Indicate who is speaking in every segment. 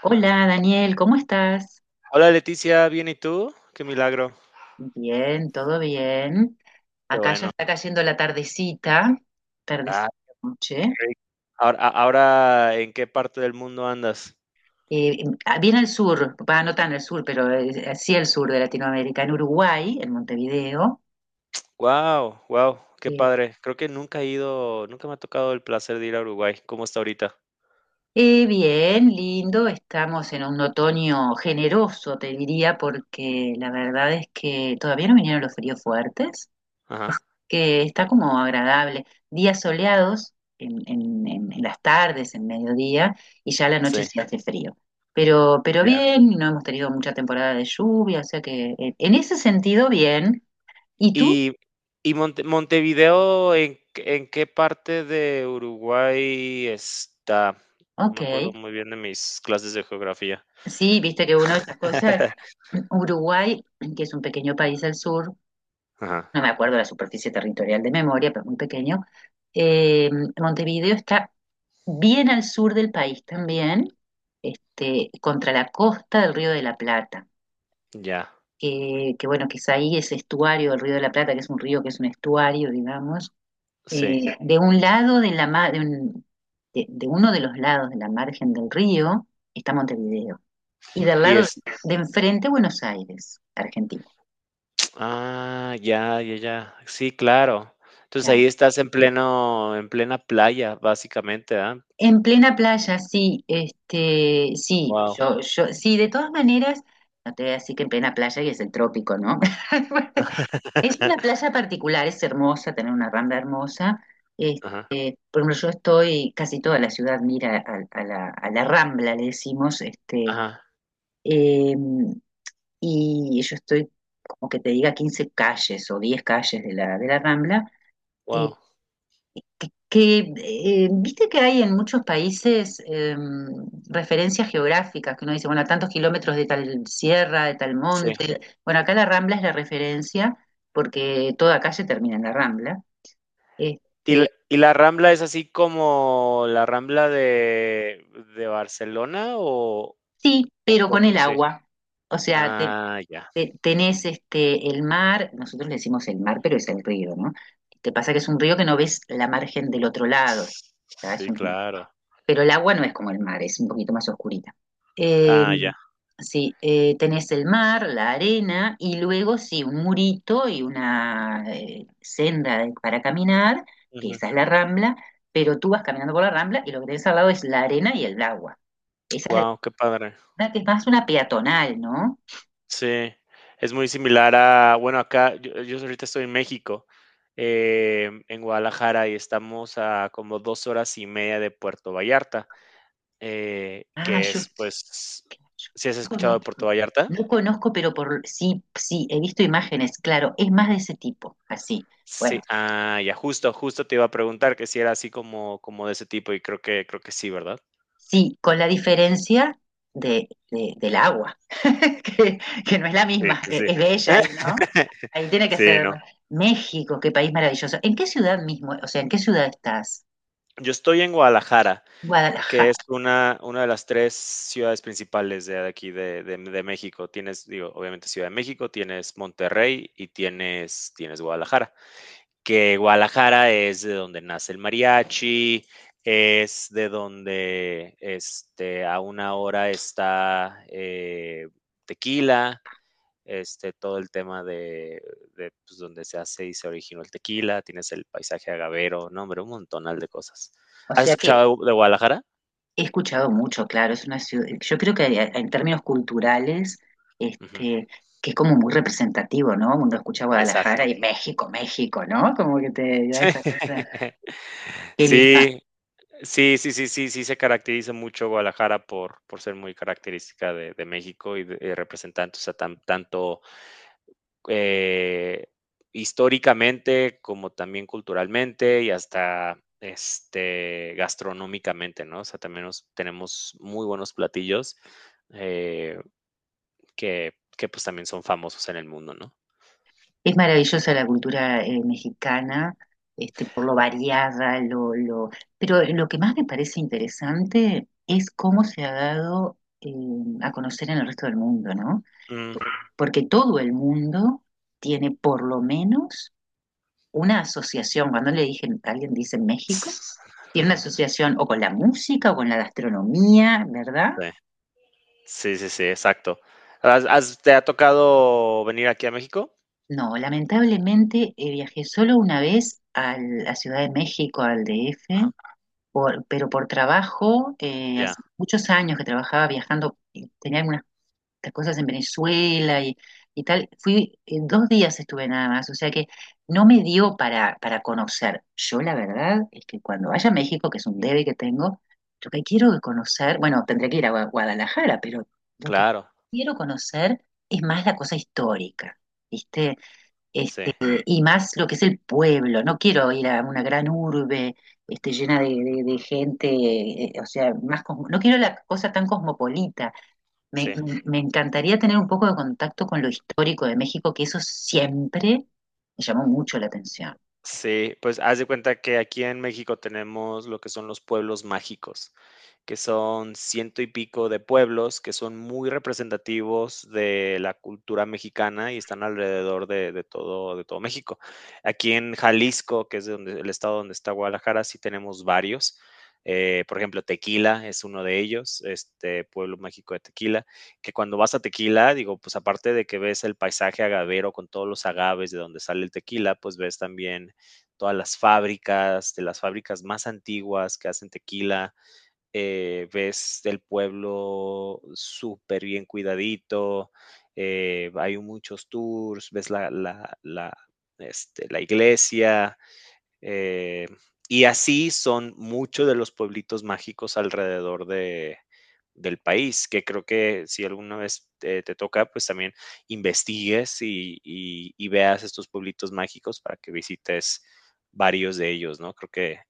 Speaker 1: Hola Daniel, ¿cómo estás?
Speaker 2: Hola Leticia, ¿bien y tú? Qué milagro.
Speaker 1: Bien, todo bien.
Speaker 2: Qué
Speaker 1: Acá ya
Speaker 2: bueno.
Speaker 1: está cayendo la tardecita, tardecita,
Speaker 2: Ah, qué
Speaker 1: noche.
Speaker 2: rico. Ahora, ahora, ¿en qué parte del mundo andas?
Speaker 1: Eh, Bien al sur, va, no tan al sur, pero sí al sur de Latinoamérica, en Uruguay, en Montevideo.
Speaker 2: Wow, wow, qué
Speaker 1: Eh,
Speaker 2: padre. Creo que nunca he ido, nunca me ha tocado el placer de ir a Uruguay. ¿Cómo está ahorita?
Speaker 1: Bien, lindo, estamos en un otoño generoso, te diría, porque la verdad es que todavía no vinieron los fríos fuertes.
Speaker 2: Ajá,
Speaker 1: Que está como agradable. Días soleados en, en las tardes, en mediodía, y ya a la noche
Speaker 2: sí,
Speaker 1: sí hace frío. Pero
Speaker 2: ya.
Speaker 1: bien, no hemos tenido mucha temporada de lluvia, o sea que en ese sentido bien. ¿Y tú?
Speaker 2: Y, y Montevideo, ¿ en qué parte de Uruguay está? No
Speaker 1: Ok.
Speaker 2: me acuerdo muy bien de mis clases de geografía.
Speaker 1: Sí, viste que una de estas cosas, Uruguay, que es un pequeño país al sur,
Speaker 2: Ajá,
Speaker 1: no me acuerdo la superficie territorial de memoria, pero muy pequeño. Eh, Montevideo está bien al sur del país también, este, contra la costa del Río de la Plata,
Speaker 2: ya,
Speaker 1: que bueno, que es ahí ese estuario del Río de la Plata, que es un río que es un estuario, digamos,
Speaker 2: sí.
Speaker 1: de un lado de la de uno de los lados de la margen del río está Montevideo, y del
Speaker 2: Y
Speaker 1: lado
Speaker 2: es,
Speaker 1: de enfrente Buenos Aires, Argentina.
Speaker 2: ah, ya, ya, ya. Sí, claro. Entonces,
Speaker 1: Claro.
Speaker 2: ahí estás en pleno en plena playa, básicamente, ¿ah?
Speaker 1: En plena playa, sí, este, sí,
Speaker 2: Wow.
Speaker 1: yo, sí, de todas maneras, no te voy a decir que en plena playa y es el trópico, ¿no? Es una playa particular, es hermosa, tener una rambla hermosa. eh,
Speaker 2: Ajá,
Speaker 1: por ejemplo, yo estoy, casi toda la ciudad mira a, a la rambla, le decimos, este,
Speaker 2: ajá,
Speaker 1: eh, y yo estoy, como que te diga, 15 calles o 10 calles de la rambla.
Speaker 2: wow,
Speaker 1: Que viste que hay en muchos países referencias geográficas, que uno dice, bueno, a tantos kilómetros de tal sierra, de tal
Speaker 2: sí.
Speaker 1: monte. Bueno, acá la Rambla es la referencia porque toda calle termina en la Rambla. Eh,
Speaker 2: Y la Rambla es así como la Rambla de Barcelona o
Speaker 1: sí, pero con
Speaker 2: cómo?
Speaker 1: el
Speaker 2: ¿Sí?
Speaker 1: agua. O sea, te-
Speaker 2: Ah, ya.
Speaker 1: te- tenés este, el mar, nosotros le decimos el mar, pero es el río, ¿no? Te pasa que es un río que no ves la margen del otro lado. O sea, es
Speaker 2: Sí,
Speaker 1: un-
Speaker 2: claro.
Speaker 1: pero el agua no es como el mar, es un poquito más oscurita. Eh,
Speaker 2: Ah, ya.
Speaker 1: sí, tenés el mar, la arena y luego sí, un murito y una senda de- para caminar, que
Speaker 2: Wow,
Speaker 1: esa es la rambla, pero tú vas caminando por la rambla y lo que tenés al lado es la arena y el agua. Esa es la
Speaker 2: qué padre.
Speaker 1: arena que es más una peatonal, ¿no?
Speaker 2: Sí, es muy similar a, bueno, acá yo ahorita estoy en México, en Guadalajara, y estamos a como 2 horas y media de Puerto Vallarta,
Speaker 1: Ah,
Speaker 2: que
Speaker 1: yo
Speaker 2: es, pues, ¿si has
Speaker 1: no
Speaker 2: escuchado de
Speaker 1: conozco,
Speaker 2: Puerto Vallarta?
Speaker 1: no conozco, pero por sí, sí, he visto imágenes, claro, es más de ese tipo, así. Bueno.
Speaker 2: Sí, ah, ya, justo, justo te iba a preguntar que si era así como, como de ese tipo, y creo creo que sí, ¿verdad?
Speaker 1: Sí, con la diferencia del agua, que, que no es la
Speaker 2: Sí,
Speaker 1: misma,
Speaker 2: sí,
Speaker 1: que
Speaker 2: sí.
Speaker 1: es bella ahí, ¿no? Ahí tiene que
Speaker 2: Sí,
Speaker 1: ser
Speaker 2: no.
Speaker 1: México, qué país maravilloso. ¿En qué ciudad mismo? O sea, ¿en qué ciudad estás?
Speaker 2: Yo estoy en Guadalajara, que
Speaker 1: Guadalajara.
Speaker 2: es una de las 3 ciudades principales de aquí de México. Tienes, digo, obviamente Ciudad de México, tienes Monterrey y tienes Guadalajara, que Guadalajara es de donde nace el mariachi, es de donde, este, a una hora está, Tequila, este, todo el tema de, pues, donde se hace y se originó el tequila, tienes el paisaje agavero, no, hombre, un montonal de cosas.
Speaker 1: O
Speaker 2: ¿Has
Speaker 1: sea que
Speaker 2: escuchado de Guadalajara?
Speaker 1: he escuchado mucho, claro, es una ciudad, yo creo que a- en términos culturales,
Speaker 2: Ujú,
Speaker 1: este, que es como muy representativo, ¿no? Uno escucha Guadalajara
Speaker 2: exacto.
Speaker 1: y México, México, ¿no? Como que te da esa cosa. Qué lindo.
Speaker 2: Sí, sí, sí, sí, sí, sí se caracteriza mucho Guadalajara por ser muy característica de México y de, y representante, o sea, tanto eh, históricamente, como también culturalmente y hasta este, gastronómicamente, ¿no? O sea, también tenemos muy buenos platillos eh, que pues también son famosos en el mundo, ¿no?
Speaker 1: Es maravillosa la cultura mexicana, este, por lo variada, lo... pero lo que más me parece interesante es cómo se ha dado a conocer en el resto del mundo, ¿no?
Speaker 2: Mm,
Speaker 1: Porque todo el mundo tiene por lo menos una asociación. Cuando le dije, alguien dice México,
Speaker 2: ts-
Speaker 1: tiene una asociación o con la música o con la gastronomía, ¿verdad?
Speaker 2: Sí, sí, sí, sí, exacto. ¿ Te ha tocado venir aquí a México?
Speaker 1: No, lamentablemente viajé solo una vez a la Ciudad de México, al DF
Speaker 2: Ajá.
Speaker 1: pero por trabajo,
Speaker 2: Ya,
Speaker 1: hace muchos años que trabajaba viajando, tenía algunas cosas en Venezuela y tal, fui, dos días estuve nada más, o sea que no me dio para conocer. Yo la verdad es que cuando vaya a México, que es un debe que tengo, lo que quiero conocer, bueno, tendré que ir a Guadalajara, pero lo que
Speaker 2: claro,
Speaker 1: quiero conocer es más la cosa histórica, ¿viste?
Speaker 2: sí,
Speaker 1: Este, y más lo que es el pueblo. No quiero ir a una gran urbe este, llena de gente, o sea, más cosmo- no quiero la cosa tan cosmopolita.
Speaker 2: sí.
Speaker 1: Me encantaría tener un poco de contacto con lo histórico de México, que eso siempre me llamó mucho la atención.
Speaker 2: Sí, pues haz de cuenta que aquí en México tenemos lo que son los pueblos mágicos, que son ciento y pico de pueblos que son muy representativos de la cultura mexicana y están alrededor de todo México. Aquí en Jalisco, que es donde, el estado donde está Guadalajara, sí tenemos varios. Por ejemplo, Tequila es uno de ellos, este pueblo mágico de Tequila, que cuando vas a Tequila, digo, pues aparte de que ves el paisaje agavero con todos los agaves de donde sale el tequila, pues ves también todas las fábricas, de las fábricas más antiguas que hacen tequila, ves el pueblo súper bien cuidadito, hay muchos tours, ves la, este, la iglesia, eh, y así son muchos de los pueblitos mágicos alrededor de, del país, que creo que si alguna vez te toca, pues también investigues y y veas estos pueblitos mágicos para que visites varios de ellos, ¿no? Creo que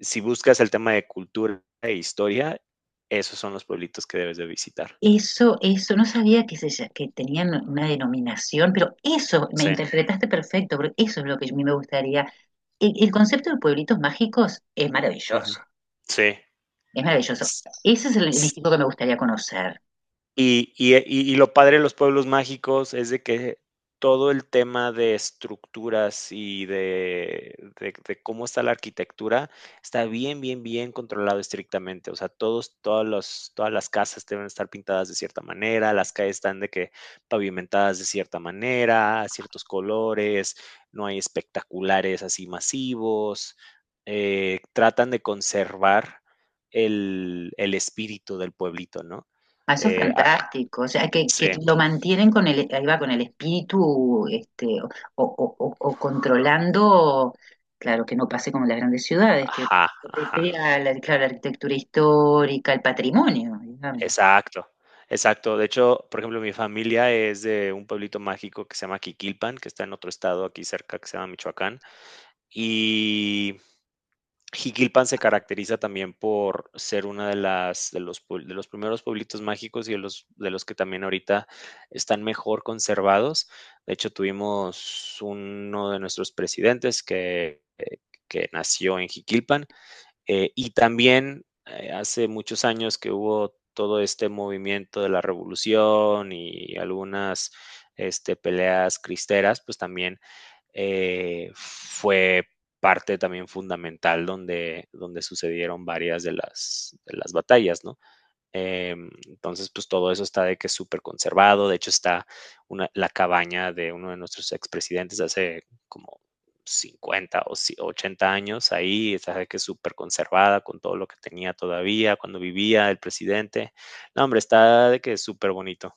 Speaker 2: si buscas el tema de cultura e historia, esos son los pueblitos que debes de visitar.
Speaker 1: Eso, no sabía que, se, lla- que tenían una denominación, pero eso, me
Speaker 2: Sí,
Speaker 1: interpretaste perfecto, porque eso es lo que a mí me gustaría. El concepto de pueblitos mágicos es
Speaker 2: ujú,
Speaker 1: maravilloso.
Speaker 2: sí.
Speaker 1: Es maravilloso.
Speaker 2: S-
Speaker 1: Ese es el México que me gustaría conocer.
Speaker 2: Y lo padre de los pueblos mágicos es de que todo el tema de estructuras y de, de cómo está la arquitectura está bien, bien, bien controlado estrictamente. O sea, todas las casas deben estar pintadas de cierta manera, las calles están de que pavimentadas de cierta manera, ciertos colores, no hay espectaculares así masivos. Eh, tratan de conservar el espíritu del pueblito, ¿no?
Speaker 1: Ah, eso es
Speaker 2: Eh, a-
Speaker 1: fantástico. O sea, que
Speaker 2: sí,
Speaker 1: lo mantienen con el, ahí va, con el espíritu, este, o, o controlando, claro, que no pase como en las grandes ciudades, que
Speaker 2: ajá, ajá,
Speaker 1: coquetea la, claro, la arquitectura histórica, el patrimonio, digamos.
Speaker 2: exacto, exacto. De hecho, por ejemplo, mi familia es de un pueblito mágico que se llama Jiquilpan, que está en otro estado aquí cerca que se llama Michoacán. Y Jiquilpan se caracteriza también por ser una de las de los primeros pueblitos mágicos y de los que también ahorita están mejor conservados. De hecho, tuvimos uno de nuestros presidentes que nació en Jiquilpan. Y también hace muchos años que hubo todo este movimiento de la revolución y algunas este, peleas cristeras, pues también fue parte también fundamental donde, donde sucedieron varias de las batallas, ¿no? Eh, entonces, pues todo eso está de que es súper conservado. De hecho, está una, la cabaña de uno de nuestros expresidentes de hace como 50 o si, 80 años ahí, está de que es súper conservada con todo lo que tenía todavía cuando vivía el presidente. No, hombre, está de que es súper bonito.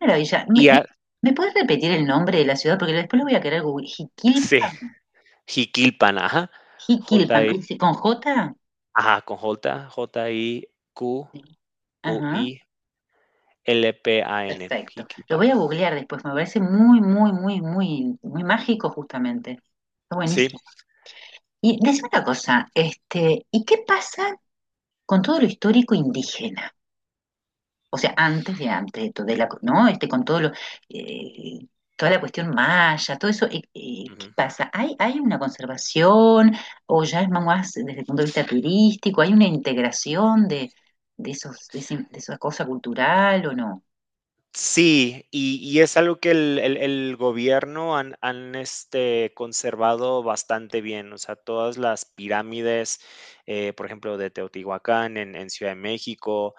Speaker 1: Maravilla. ¿Me,
Speaker 2: Y
Speaker 1: me,
Speaker 2: a-
Speaker 1: Me puedes repetir el nombre de la ciudad? Porque después lo voy a querer googlear.
Speaker 2: sí,
Speaker 1: Jiquilpan.
Speaker 2: Jiquilpan, ajá.
Speaker 1: Jiquilpan.
Speaker 2: J-I,
Speaker 1: ¿Y se- ¿Con J?
Speaker 2: ajá, con J,
Speaker 1: Sí. Ajá.
Speaker 2: J-I-Q-U-I-L-P-A-N,
Speaker 1: Perfecto. Lo
Speaker 2: Jiquilpan.
Speaker 1: voy a googlear después, me parece muy, muy, muy, muy, muy mágico justamente. Está
Speaker 2: Sí,
Speaker 1: buenísimo. Y decime una cosa, este, ¿y qué pasa con todo lo histórico indígena? O sea, antes de todo, de la, ¿no? Este, con todo lo, eh, toda la cuestión maya, todo eso, ¿qué
Speaker 2: ujú.
Speaker 1: pasa? Hay una conservación o ya es más desde el punto de vista turístico? ¿Hay una integración de esos, de, ese- de esa cosa cultural o no?
Speaker 2: Sí, y es algo que el gobierno han, este, conservado bastante bien, o sea, todas las pirámides, por ejemplo, de Teotihuacán en Ciudad de México,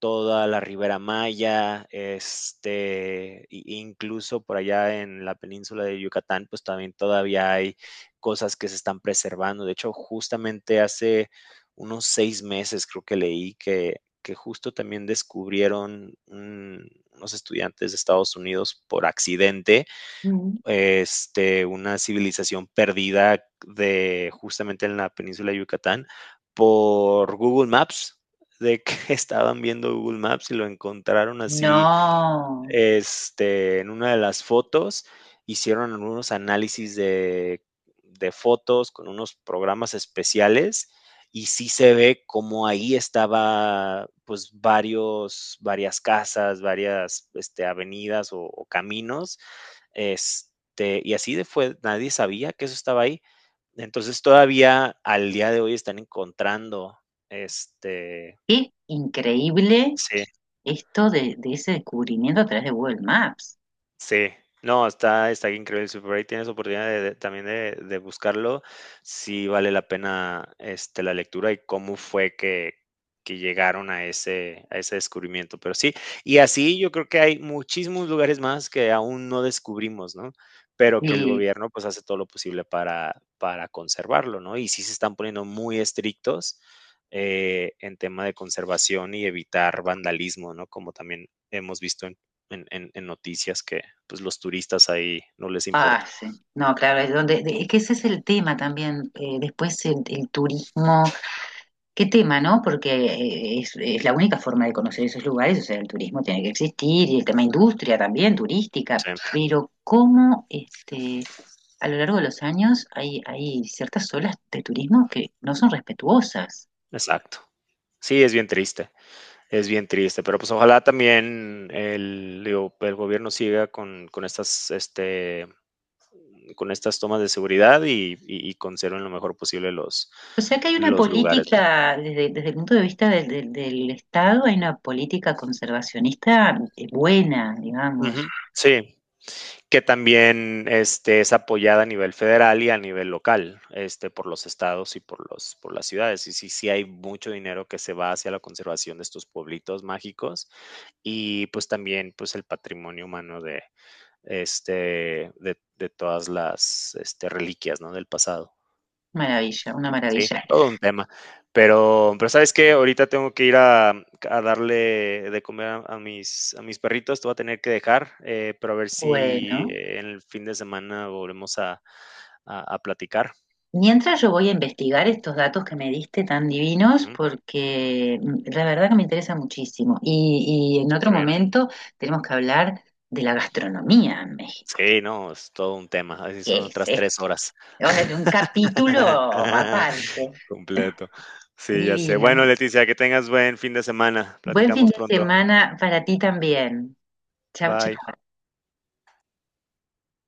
Speaker 2: toda la Ribera Maya, este, incluso por allá en la península de Yucatán, pues también todavía hay cosas que se están preservando. De hecho, justamente hace unos 6 meses creo que leí que justo también descubrieron unos estudiantes de Estados Unidos por accidente
Speaker 1: Mm.
Speaker 2: este, una civilización perdida de justamente en la península de Yucatán por Google Maps, de que estaban viendo Google Maps y lo encontraron así
Speaker 1: No.
Speaker 2: este, en una de las fotos hicieron unos análisis de fotos con unos programas especiales y sí se ve como ahí estaba pues varias casas, varias este, avenidas o caminos, este, y así de fue, nadie sabía que eso estaba ahí. Entonces todavía al día de hoy están encontrando, este,
Speaker 1: Qué increíble
Speaker 2: sí,
Speaker 1: esto de ese descubrimiento a través de Google Maps.
Speaker 2: sí, no, está increíble. Si por ahí tienes oportunidad de también de buscarlo, sí vale la pena, este, la lectura y cómo fue que llegaron a ese descubrimiento. Pero sí, y así yo creo que hay muchísimos lugares más que aún no descubrimos, ¿no? Pero que el
Speaker 1: Y,
Speaker 2: gobierno, pues, hace todo lo posible para conservarlo, ¿no? Y sí se están poniendo muy estrictos, en tema de conservación y evitar vandalismo, ¿no? Como también hemos visto en, en noticias que pues los turistas ahí no les
Speaker 1: ah,
Speaker 2: importa.
Speaker 1: sí. No, claro, es, donde, de- es que ese es el tema también. Después el turismo, qué tema, ¿no? Porque es la única forma de conocer esos lugares, o sea, el turismo tiene que existir y el tema industria también, turística.
Speaker 2: Sí,
Speaker 1: Pero cómo este, a lo largo de los años hay, hay ciertas olas de turismo que no son respetuosas.
Speaker 2: exacto. Sí, es bien triste, pero pues ojalá también el, digo, el gobierno siga con estas, este, con estas tomas de seguridad y y- conserven lo mejor posible
Speaker 1: O sea que hay una
Speaker 2: los lugares, ¿no?
Speaker 1: política, desde, desde el punto de vista del, del- del Estado, hay una política conservacionista buena, digamos.
Speaker 2: Ujú, sí, que también este, es apoyada a nivel federal y a nivel local, este, por los estados y por las ciudades. Y sí, sí hay mucho dinero que se va hacia la conservación de estos pueblitos mágicos y pues también pues el patrimonio humano de, este, de todas las este, reliquias, ¿no?, del pasado.
Speaker 1: Maravilla, una
Speaker 2: Sí,
Speaker 1: maravilla.
Speaker 2: todo un tema. Pero ¿sabes qué? Ahorita tengo que ir a darle de comer a mis perritos, te voy a tener que dejar, pero a ver si
Speaker 1: Bueno,
Speaker 2: en el fin de semana volvemos a platicar.
Speaker 1: mientras yo voy a investigar estos datos que me diste tan divinos,
Speaker 2: Ujú,
Speaker 1: porque mm, la verdad que me interesa muchísimo. Y en otro
Speaker 2: súper bien.
Speaker 1: momento tenemos que hablar de la gastronomía en México.
Speaker 2: Sí, no, es todo un tema, así
Speaker 1: ¿Qué
Speaker 2: son
Speaker 1: es
Speaker 2: otras
Speaker 1: esto?
Speaker 2: 3 horas.
Speaker 1: Vamos a hacer un capítulo aparte.
Speaker 2: Completo. Sí, ya sé. Bueno,
Speaker 1: Divino.
Speaker 2: Leticia, que tengas buen fin de semana.
Speaker 1: Buen fin
Speaker 2: Platicamos
Speaker 1: de
Speaker 2: pronto.
Speaker 1: semana para ti también. Chao,
Speaker 2: Bye.
Speaker 1: chao.